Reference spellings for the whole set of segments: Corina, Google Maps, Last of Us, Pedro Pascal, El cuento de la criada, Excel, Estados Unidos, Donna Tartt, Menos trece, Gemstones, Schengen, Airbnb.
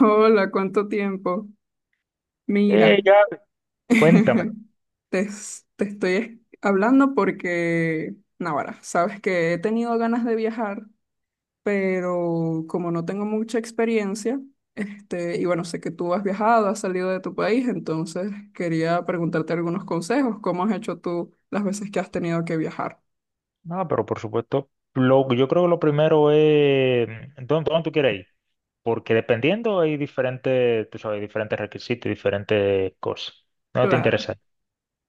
Hola, ¿cuánto tiempo? Mira, Ya, cuéntamelo. te estoy hablando porque, Navarra, sabes que he tenido ganas de viajar, pero como no tengo mucha experiencia, este, y bueno, sé que tú has viajado, has salido de tu país, entonces quería preguntarte algunos consejos. ¿Cómo has hecho tú las veces que has tenido que viajar? No, pero por supuesto, yo creo que lo primero es, ¿dónde tú quieres ir? Porque dependiendo hay diferentes, tú sabes, diferentes requisitos y diferentes cosas. No te Claro. interesa.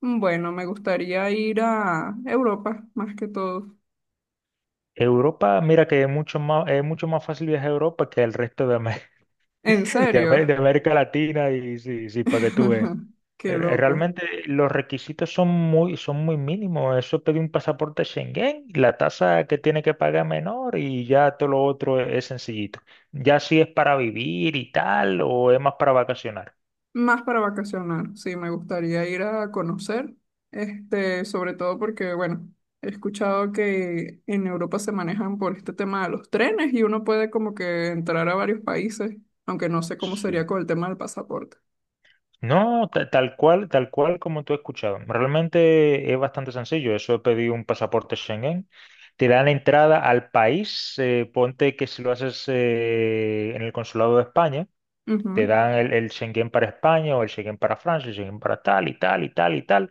Bueno, me gustaría ir a Europa, más que todo. Europa, mira que es mucho más fácil viajar a Europa que el resto de, ¿En de serio? América Latina y sí, sí, para que tú veas. Qué loco. Realmente los requisitos son muy, mínimos. Eso pedí un pasaporte Schengen, la tasa que tiene que pagar es menor y ya todo lo otro es, sencillito. Ya si es para vivir y tal, o es más para vacacionar. Más para vacacionar, sí, me gustaría ir a conocer, este, sobre todo porque, bueno, he escuchado que en Europa se manejan por este tema de los trenes y uno puede como que entrar a varios países, aunque no sé cómo sería Sí. con el tema del pasaporte. No, tal cual como tú has escuchado. Realmente es bastante sencillo. Eso es pedir un pasaporte Schengen. Te dan entrada al país. Ponte que si lo haces en el consulado de España. Te Ujú. dan el Schengen para España o el Schengen para Francia, el Schengen para tal y tal y tal y tal.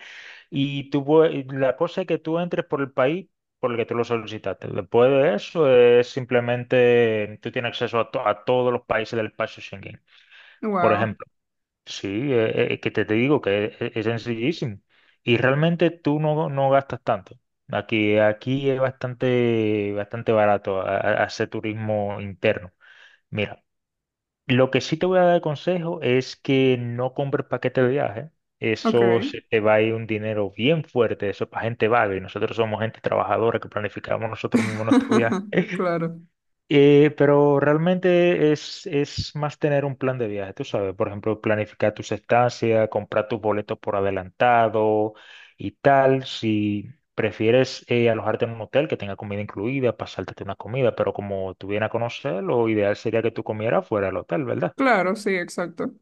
Y tú, la cosa es que tú entres por el país por el que tú lo solicitaste. Después de eso es simplemente tú tienes acceso a todos los países del espacio Schengen. Por Wow, ejemplo, sí, que te digo que es sencillísimo. Y realmente tú no, no gastas tanto. Aquí, aquí es bastante, bastante barato hacer turismo interno. Mira. Lo que sí te voy a dar consejo es que no compres paquete de viaje. ok. Eso se te va a ir un dinero bien fuerte. Eso es para gente vaga. Y nosotros somos gente trabajadora que planificamos nosotros mismos nuestros viajes. Claro, Pero realmente es más tener un plan de viaje, tú sabes. Por ejemplo, planificar tus estancias, comprar tus boletos por adelantado y tal. Si prefieres alojarte en un hotel que tenga comida incluida, pasártete una comida. Pero como tú vienes a conocer, lo ideal sería que tú comieras fuera del hotel, ¿verdad? claro, sí, exacto.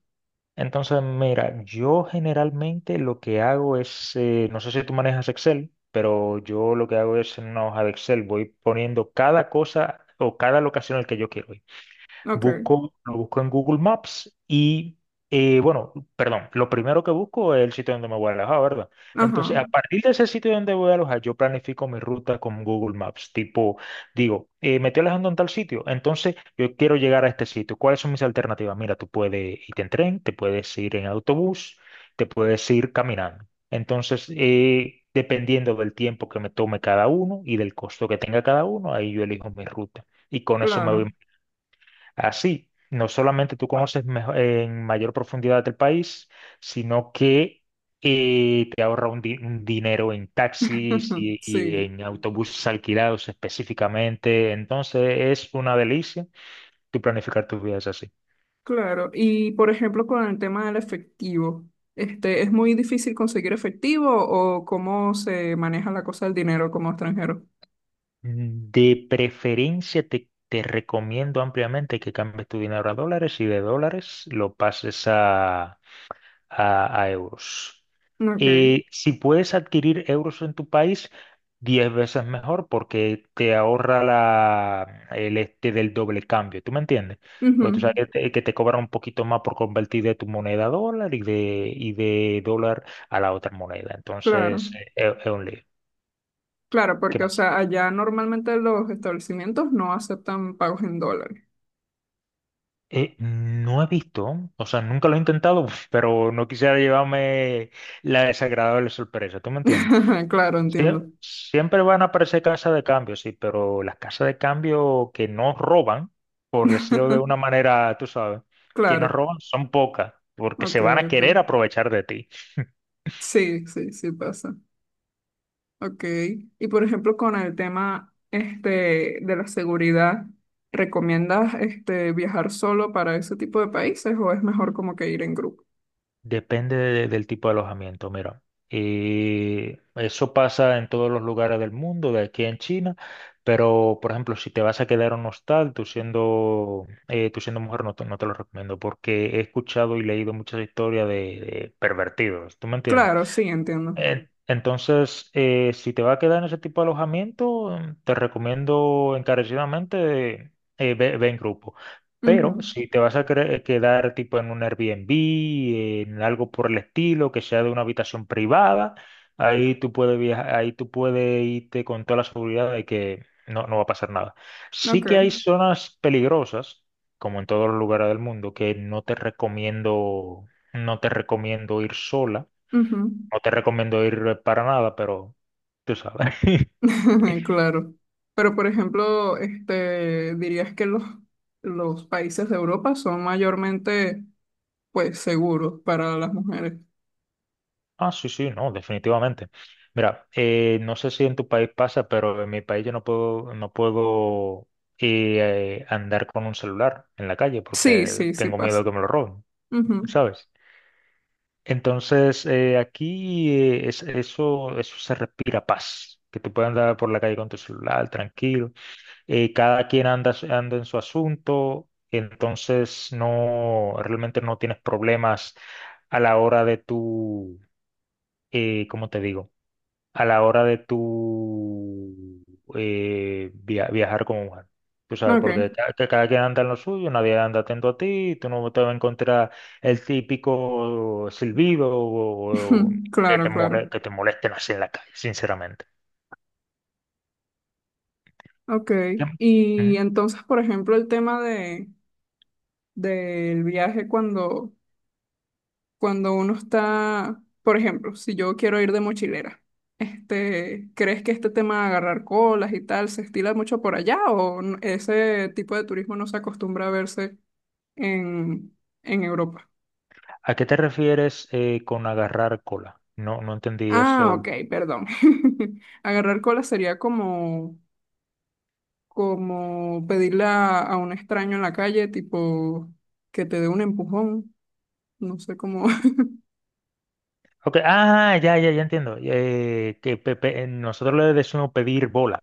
Entonces, mira, yo generalmente lo que hago es, no sé si tú manejas Excel, pero yo lo que hago es en una hoja de Excel, voy poniendo cada cosa o cada locación al que yo quiero ir. Ok, Busco, lo busco en Google Maps y, bueno, perdón, lo primero que busco es el sitio donde me voy a alojar, ¿verdad? Entonces, ajá, a partir de ese sitio donde voy a alojar, yo planifico mi ruta con Google Maps. Tipo, digo, me estoy alojando en tal sitio, entonces yo quiero llegar a este sitio. ¿Cuáles son mis alternativas? Mira, tú puedes ir en tren, te puedes ir en autobús, te puedes ir caminando. Entonces, dependiendo del tiempo que me tome cada uno y del costo que tenga cada uno, ahí yo elijo mi ruta. Y con eso me voy. claro. Así, no solamente tú conoces en mayor profundidad el país, sino que te ahorra un dinero en taxis y Sí. en autobuses alquilados específicamente. Entonces, es una delicia tú planificar tus viajes así. Claro, y por ejemplo con el tema del efectivo, este, ¿es muy difícil conseguir efectivo o cómo se maneja la cosa del dinero como extranjero? De preferencia, te recomiendo ampliamente que cambies tu dinero a dólares y de dólares lo pases a euros. Ok, Si puedes adquirir euros en tu país, 10 veces mejor porque te ahorra la, el este del doble cambio, ¿tú me entiendes? ujú, Porque tú sabes que que te cobran un poquito más por convertir de tu moneda a dólar y de dólar a la otra moneda. claro, Entonces, es un lío. claro, ¿Qué porque o más? sea, allá normalmente los establecimientos no aceptan pagos en dólares. No he visto, o sea, nunca lo he intentado, pero no quisiera llevarme la desagradable sorpresa, ¿tú me entiendes? Claro, entiendo. Siempre van a aparecer casas de cambio, sí, pero las casas de cambio que no roban, por decirlo de una manera, tú sabes, que no Claro, roban son pocas, porque se ok, van a ok. querer aprovechar de ti. Sí, sí, sí pasa. Ok. Y por ejemplo, con el tema este, de la seguridad, ¿recomiendas este, viajar solo para ese tipo de países o es mejor como que ir en grupo? Depende del tipo de alojamiento, mira. Eso pasa en todos los lugares del mundo, de aquí en China, pero por ejemplo, si te vas a quedar en un hostal, tú siendo mujer, no te lo recomiendo, porque he escuchado y leído muchas historias de pervertidos, ¿tú me entiendes? Claro, sí, entiendo. Entonces, si te va a quedar en ese tipo de alojamiento, te recomiendo encarecidamente ve, ve en grupo. Pero Ujú. si te vas a quedar tipo en un Airbnb, en algo por el estilo, que sea de una habitación privada, ahí tú puedes viajar, ahí tú puedes irte con toda la seguridad de que no, no va a pasar nada. Sí que hay Ok. zonas peligrosas, como en todos los lugares del mundo, que no te recomiendo ir sola, Ujú. no te recomiendo ir para nada, pero tú sabes. Claro. Pero por ejemplo, este, dirías que los países de Europa son mayormente pues seguros para las mujeres. Ah, sí, sí, no, definitivamente. Mira, no sé si en tu país pasa, pero en mi país yo no puedo andar con un celular en la calle Sí, porque sí, sí tengo miedo pasa. de que me lo roben, Ujú. ¿sabes? Entonces, aquí eso se respira paz, que tú puedas andar por la calle con tu celular tranquilo. Cada quien anda, anda en su asunto, entonces no, realmente no tienes problemas a la hora de tu, ¿cómo te digo? A la hora de tu viajar como mujer. Tú sabes, porque Ok. Que cada quien anda en lo suyo, nadie anda atento a ti, tú no te vas a encontrar el típico silbido o Claro, claro. Que te molesten así en la calle, sinceramente. Ok, y Ujú. entonces, por ejemplo, el tema de, del viaje cuando, cuando uno está, por ejemplo, si yo quiero ir de mochilera, este, ¿crees que este tema de agarrar colas y tal se estila mucho por allá o n- ese tipo de turismo no se acostumbra a verse en, en Europa? ¿A qué te refieres con agarrar cola? No, no entendí Ah, eso. ok, perdón. Agarrar colas sería como, como pedirle a un extraño en la calle, tipo que te dé un empujón. No sé cómo. Ok, ah, ya, ya, ya entiendo. Que nosotros le decimos pedir bola,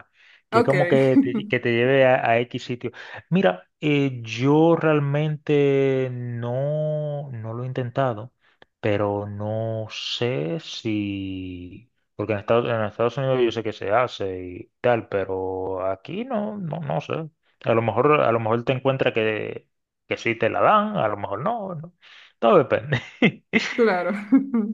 que es Ok, como que te, que te lleve a X sitio. Mira, yo realmente no, no lo he intentado, pero no sé si... Porque en Estados Unidos yo sé que se hace y tal, pero aquí no, no, no sé. A lo mejor te encuentras que sí te la dan, a lo mejor no, no. Todo depende. claro,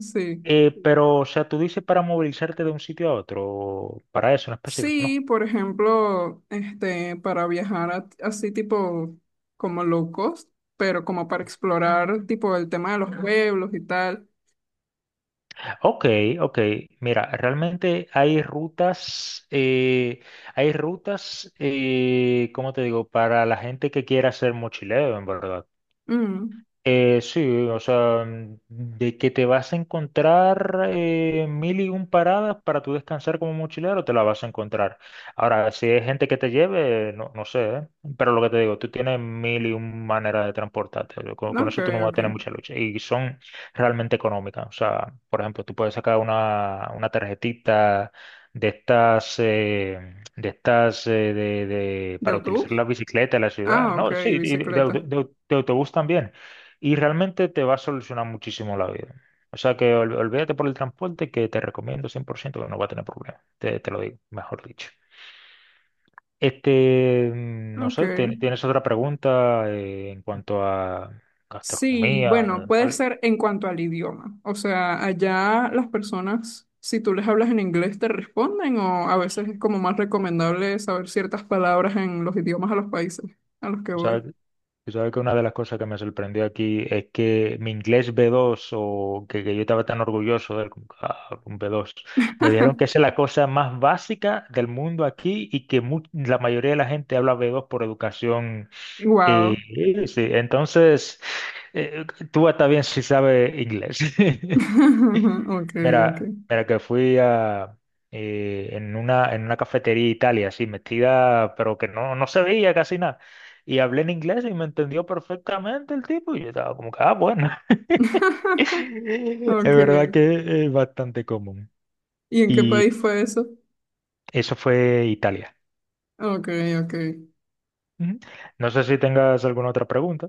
sí. Pero, o sea, tú dices para movilizarte de un sitio a otro, para eso en específico, Sí, ¿no? por ejemplo, este, para viajar a- así tipo como locos, pero como para explorar tipo el tema de los pueblos y tal. Ok, ok. Mira, realmente hay rutas, ¿cómo te digo? Para la gente que quiera hacer mochileo, en verdad. Mm, Sí, o sea, de que te vas a encontrar mil y un paradas para tu descansar como mochilero, te la vas a encontrar. Ahora, si hay gente que te lleve, no, no sé, ¿eh? Pero lo que te digo, tú tienes mil y un maneras de transportarte. Yo Con ok, eso tú no vas a ok. tener mucha lucha. Y son realmente económicas. O sea, por ejemplo, tú puedes sacar una tarjetita de estas, ¿De para utilizar autobús? la bicicleta en la ciudad. Ah, ok, No, sí, y de de- bicicleta. de- de autobús también y realmente te va a solucionar muchísimo la vida. O sea que olvídate por el transporte que te recomiendo 100% que no va a tener problema. Te lo digo, mejor dicho. No Ok. sé, ¿tienes otra pregunta en cuanto a Sí, gastronomía? bueno, puede ¿Tal? ser en cuanto al idioma. O sea, allá las personas, si tú les hablas en inglés, te responden o a veces es como más recomendable saber ciertas palabras en los idiomas a los países a los que O sea, voy. tú sabes que una de las cosas que me sorprendió aquí es que mi inglés B2, o que yo estaba tan orgulloso del un B2, me dijeron que esa es la cosa más básica del mundo aquí y que la mayoría de la gente habla B2 por educación. Y, Wow. y sí, entonces, eh, Tua también sí sabe inglés. Ok, ok. Mira, mira que fui en una cafetería de Italia, así metida, pero que no, no se veía casi nada. Y hablé en inglés y me entendió perfectamente el tipo. Y yo estaba como que, ah, bueno. Es Ok. verdad que es bastante común. ¿Y en qué Y país fue eso? eso fue Italia. Ok, ok. Ujú. No sé si tengas alguna otra pregunta.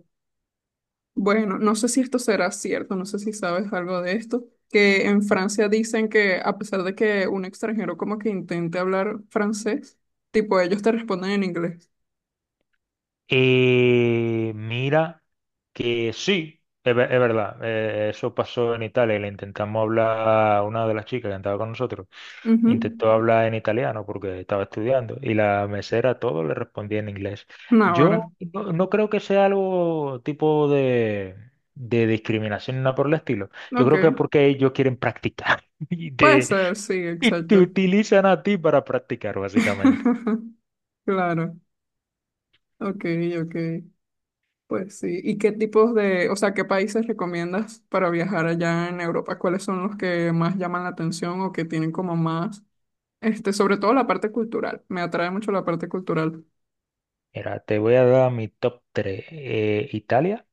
Bueno, no sé si esto será cierto, no sé si sabes algo de esto, que en Francia dicen que a pesar de que un extranjero como que intente hablar francés, tipo ellos te responden en inglés. Mira que sí, es verdad, eso pasó en Italia y le intentamos hablar a una de las chicas que andaba con nosotros, Ujú. intentó hablar en italiano porque estaba estudiando y la mesera todo le respondía en inglés. Una Yo hora. no, no creo que sea algo tipo de discriminación ni nada por el estilo. Yo Ok. creo que es porque ellos quieren practicar y Puede te, ser, sí, y te exacto. utilizan a ti para practicar, básicamente. Claro. Ok, ok. Pues sí. ¿Y qué tipos de, o sea, qué países recomiendas para viajar allá en Europa? ¿Cuáles son los que más llaman la atención o que tienen como más? Este, sobre todo la parte cultural. Me atrae mucho la parte cultural. Mira, te voy a dar mi top 3. Italia.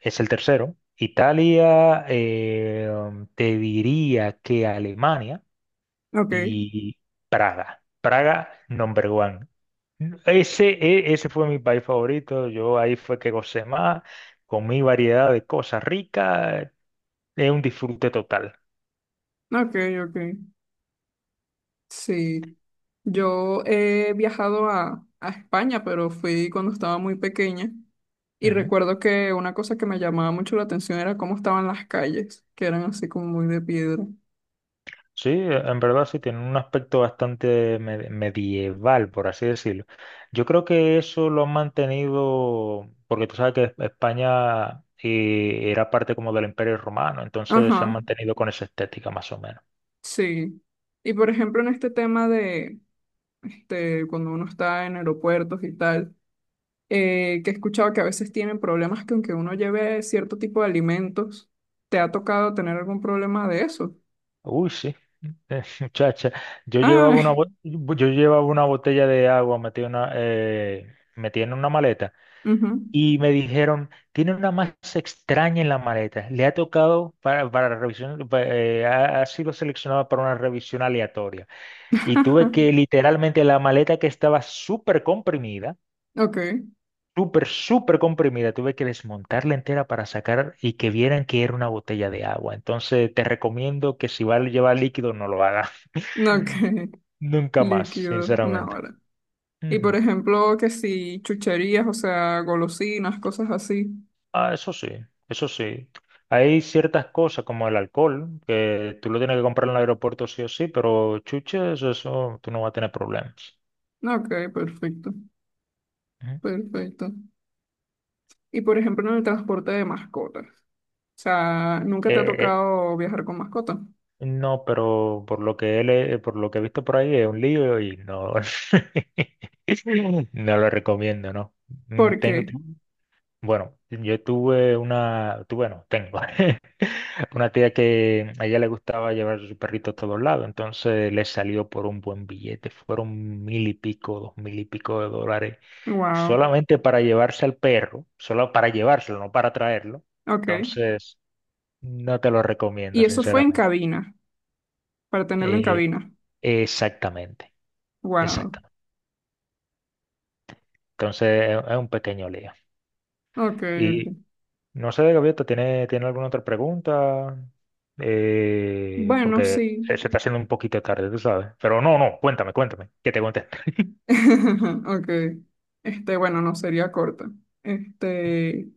Es el tercero. Italia, te diría que Alemania Ok, y Praga. Praga, number one. Ese fue mi país favorito. Yo ahí fue que gocé más, comí variedad de cosas ricas. Es un disfrute total. ok, ok. Sí. Yo he viajado a España, pero fui cuando estaba muy pequeña. Y Ujú. recuerdo que una cosa que me llamaba mucho la atención era cómo estaban las calles, que eran así como muy de piedra. Sí, en verdad sí, tiene un aspecto bastante medieval, por así decirlo. Yo creo que eso lo han mantenido, porque tú sabes que España era parte como del Imperio Romano, entonces se han Ajá, mantenido con esa estética más o menos. sí. Y por ejemplo, en este tema de este, cuando uno está en aeropuertos y tal. Que he escuchado que a veces tienen problemas que aunque uno lleve cierto tipo de alimentos, ¿te ha tocado tener algún problema de eso? Uy, sí, muchacha, yo llevaba una, Ah, bo- yo llevaba una botella de agua metida en una maleta. ujú. Y me dijeron, tiene una masa extraña en la maleta. Le ha tocado para revisión, ha sido seleccionada para una revisión aleatoria. Y tuve que literalmente la maleta que estaba súper comprimida, Ok, súper, súper comprimida, tuve que desmontarla entera para sacar y que vieran que era una botella de agua. Entonces te recomiendo que si va a llevar líquido, no lo haga. no, ok, Nunca más, líquido, no, sinceramente. vale. Y por Ujú. ejemplo, que si chucherías, o sea, golosinas, cosas así. Ah, eso sí, eso sí. Hay ciertas cosas como el alcohol, que tú lo tienes que comprar en el aeropuerto sí o sí, pero chuches, eso tú no vas a tener problemas. No, ok, perfecto, Ujú. perfecto. Y por ejemplo, en el transporte de mascotas. O sea, ¿nunca te ha Eh, tocado viajar con mascota? no, pero por lo que he visto por ahí es un lío y no, no lo recomiendo, ¿no? ¿Por Tengo. qué? Bueno, yo tuve una, tu- bueno, tengo una tía que a ella le gustaba llevar su perrito a todos lados, entonces le salió por un buen billete, fueron mil y pico, dos mil y pico de dólares, Wow, solamente para llevarse al perro, solo para llevárselo, no para traerlo. ok. Entonces, no te lo recomiendo, Y eso fue en sinceramente. cabina. Para tenerlo en Eh, cabina. Exactamente, Wow. exactamente. Entonces, es un pequeño lío. Ok, ok. No sé, Gaviota, ¿tiene alguna otra pregunta? Bueno, Porque se, sí. se está haciendo un poquito tarde, tú sabes. Pero no, no, cuéntame, cuéntame, que te cuente. Ok. Este, bueno, no sería corta. Este,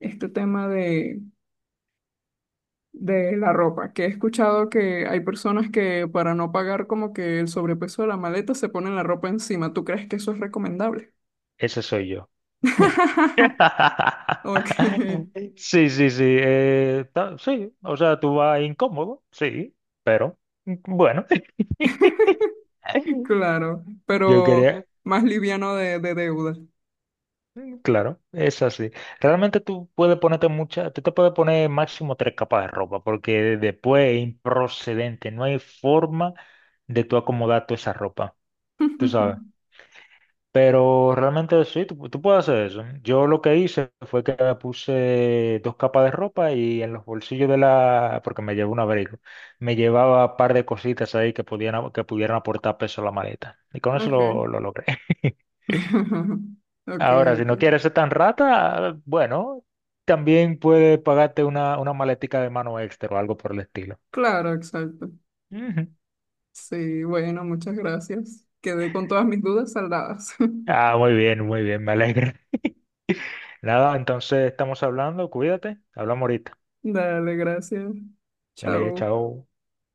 este tema de la ropa, que he escuchado que hay personas que para no pagar como que el sobrepeso de la maleta se ponen la ropa encima. ¿Tú crees que eso es recomendable? Ese soy yo. Ok, Sí, sí, sí. Sí, o sea, tú vas incómodo, sí, pero bueno. claro, Yo pero quería. más liviano de deuda. Claro, es así. Realmente tú te puedes poner máximo tres capas de ropa, porque después es improcedente, no hay forma de tú acomodar toda esa ropa, tú sabes. Pero realmente sí, tú puedes hacer eso. Yo lo que hice fue que me puse dos capas de ropa y en los bolsillos de la, porque me llevaba un abrigo, me llevaba un par de cositas ahí que que pudieran aportar peso a la maleta. Y con eso Ok. lo logré. Ok, Ahora, si no ok. quieres ser tan rata, bueno, también puede pagarte una maletica de mano extra o algo por el estilo. Claro, exacto. Ujú. Sí, bueno, muchas gracias. Quedé con todas mis dudas saldadas. Ah, muy bien, me alegra. Nada, entonces estamos hablando, cuídate, hablamos ahorita. Dale, gracias. Dale, Chao. chao.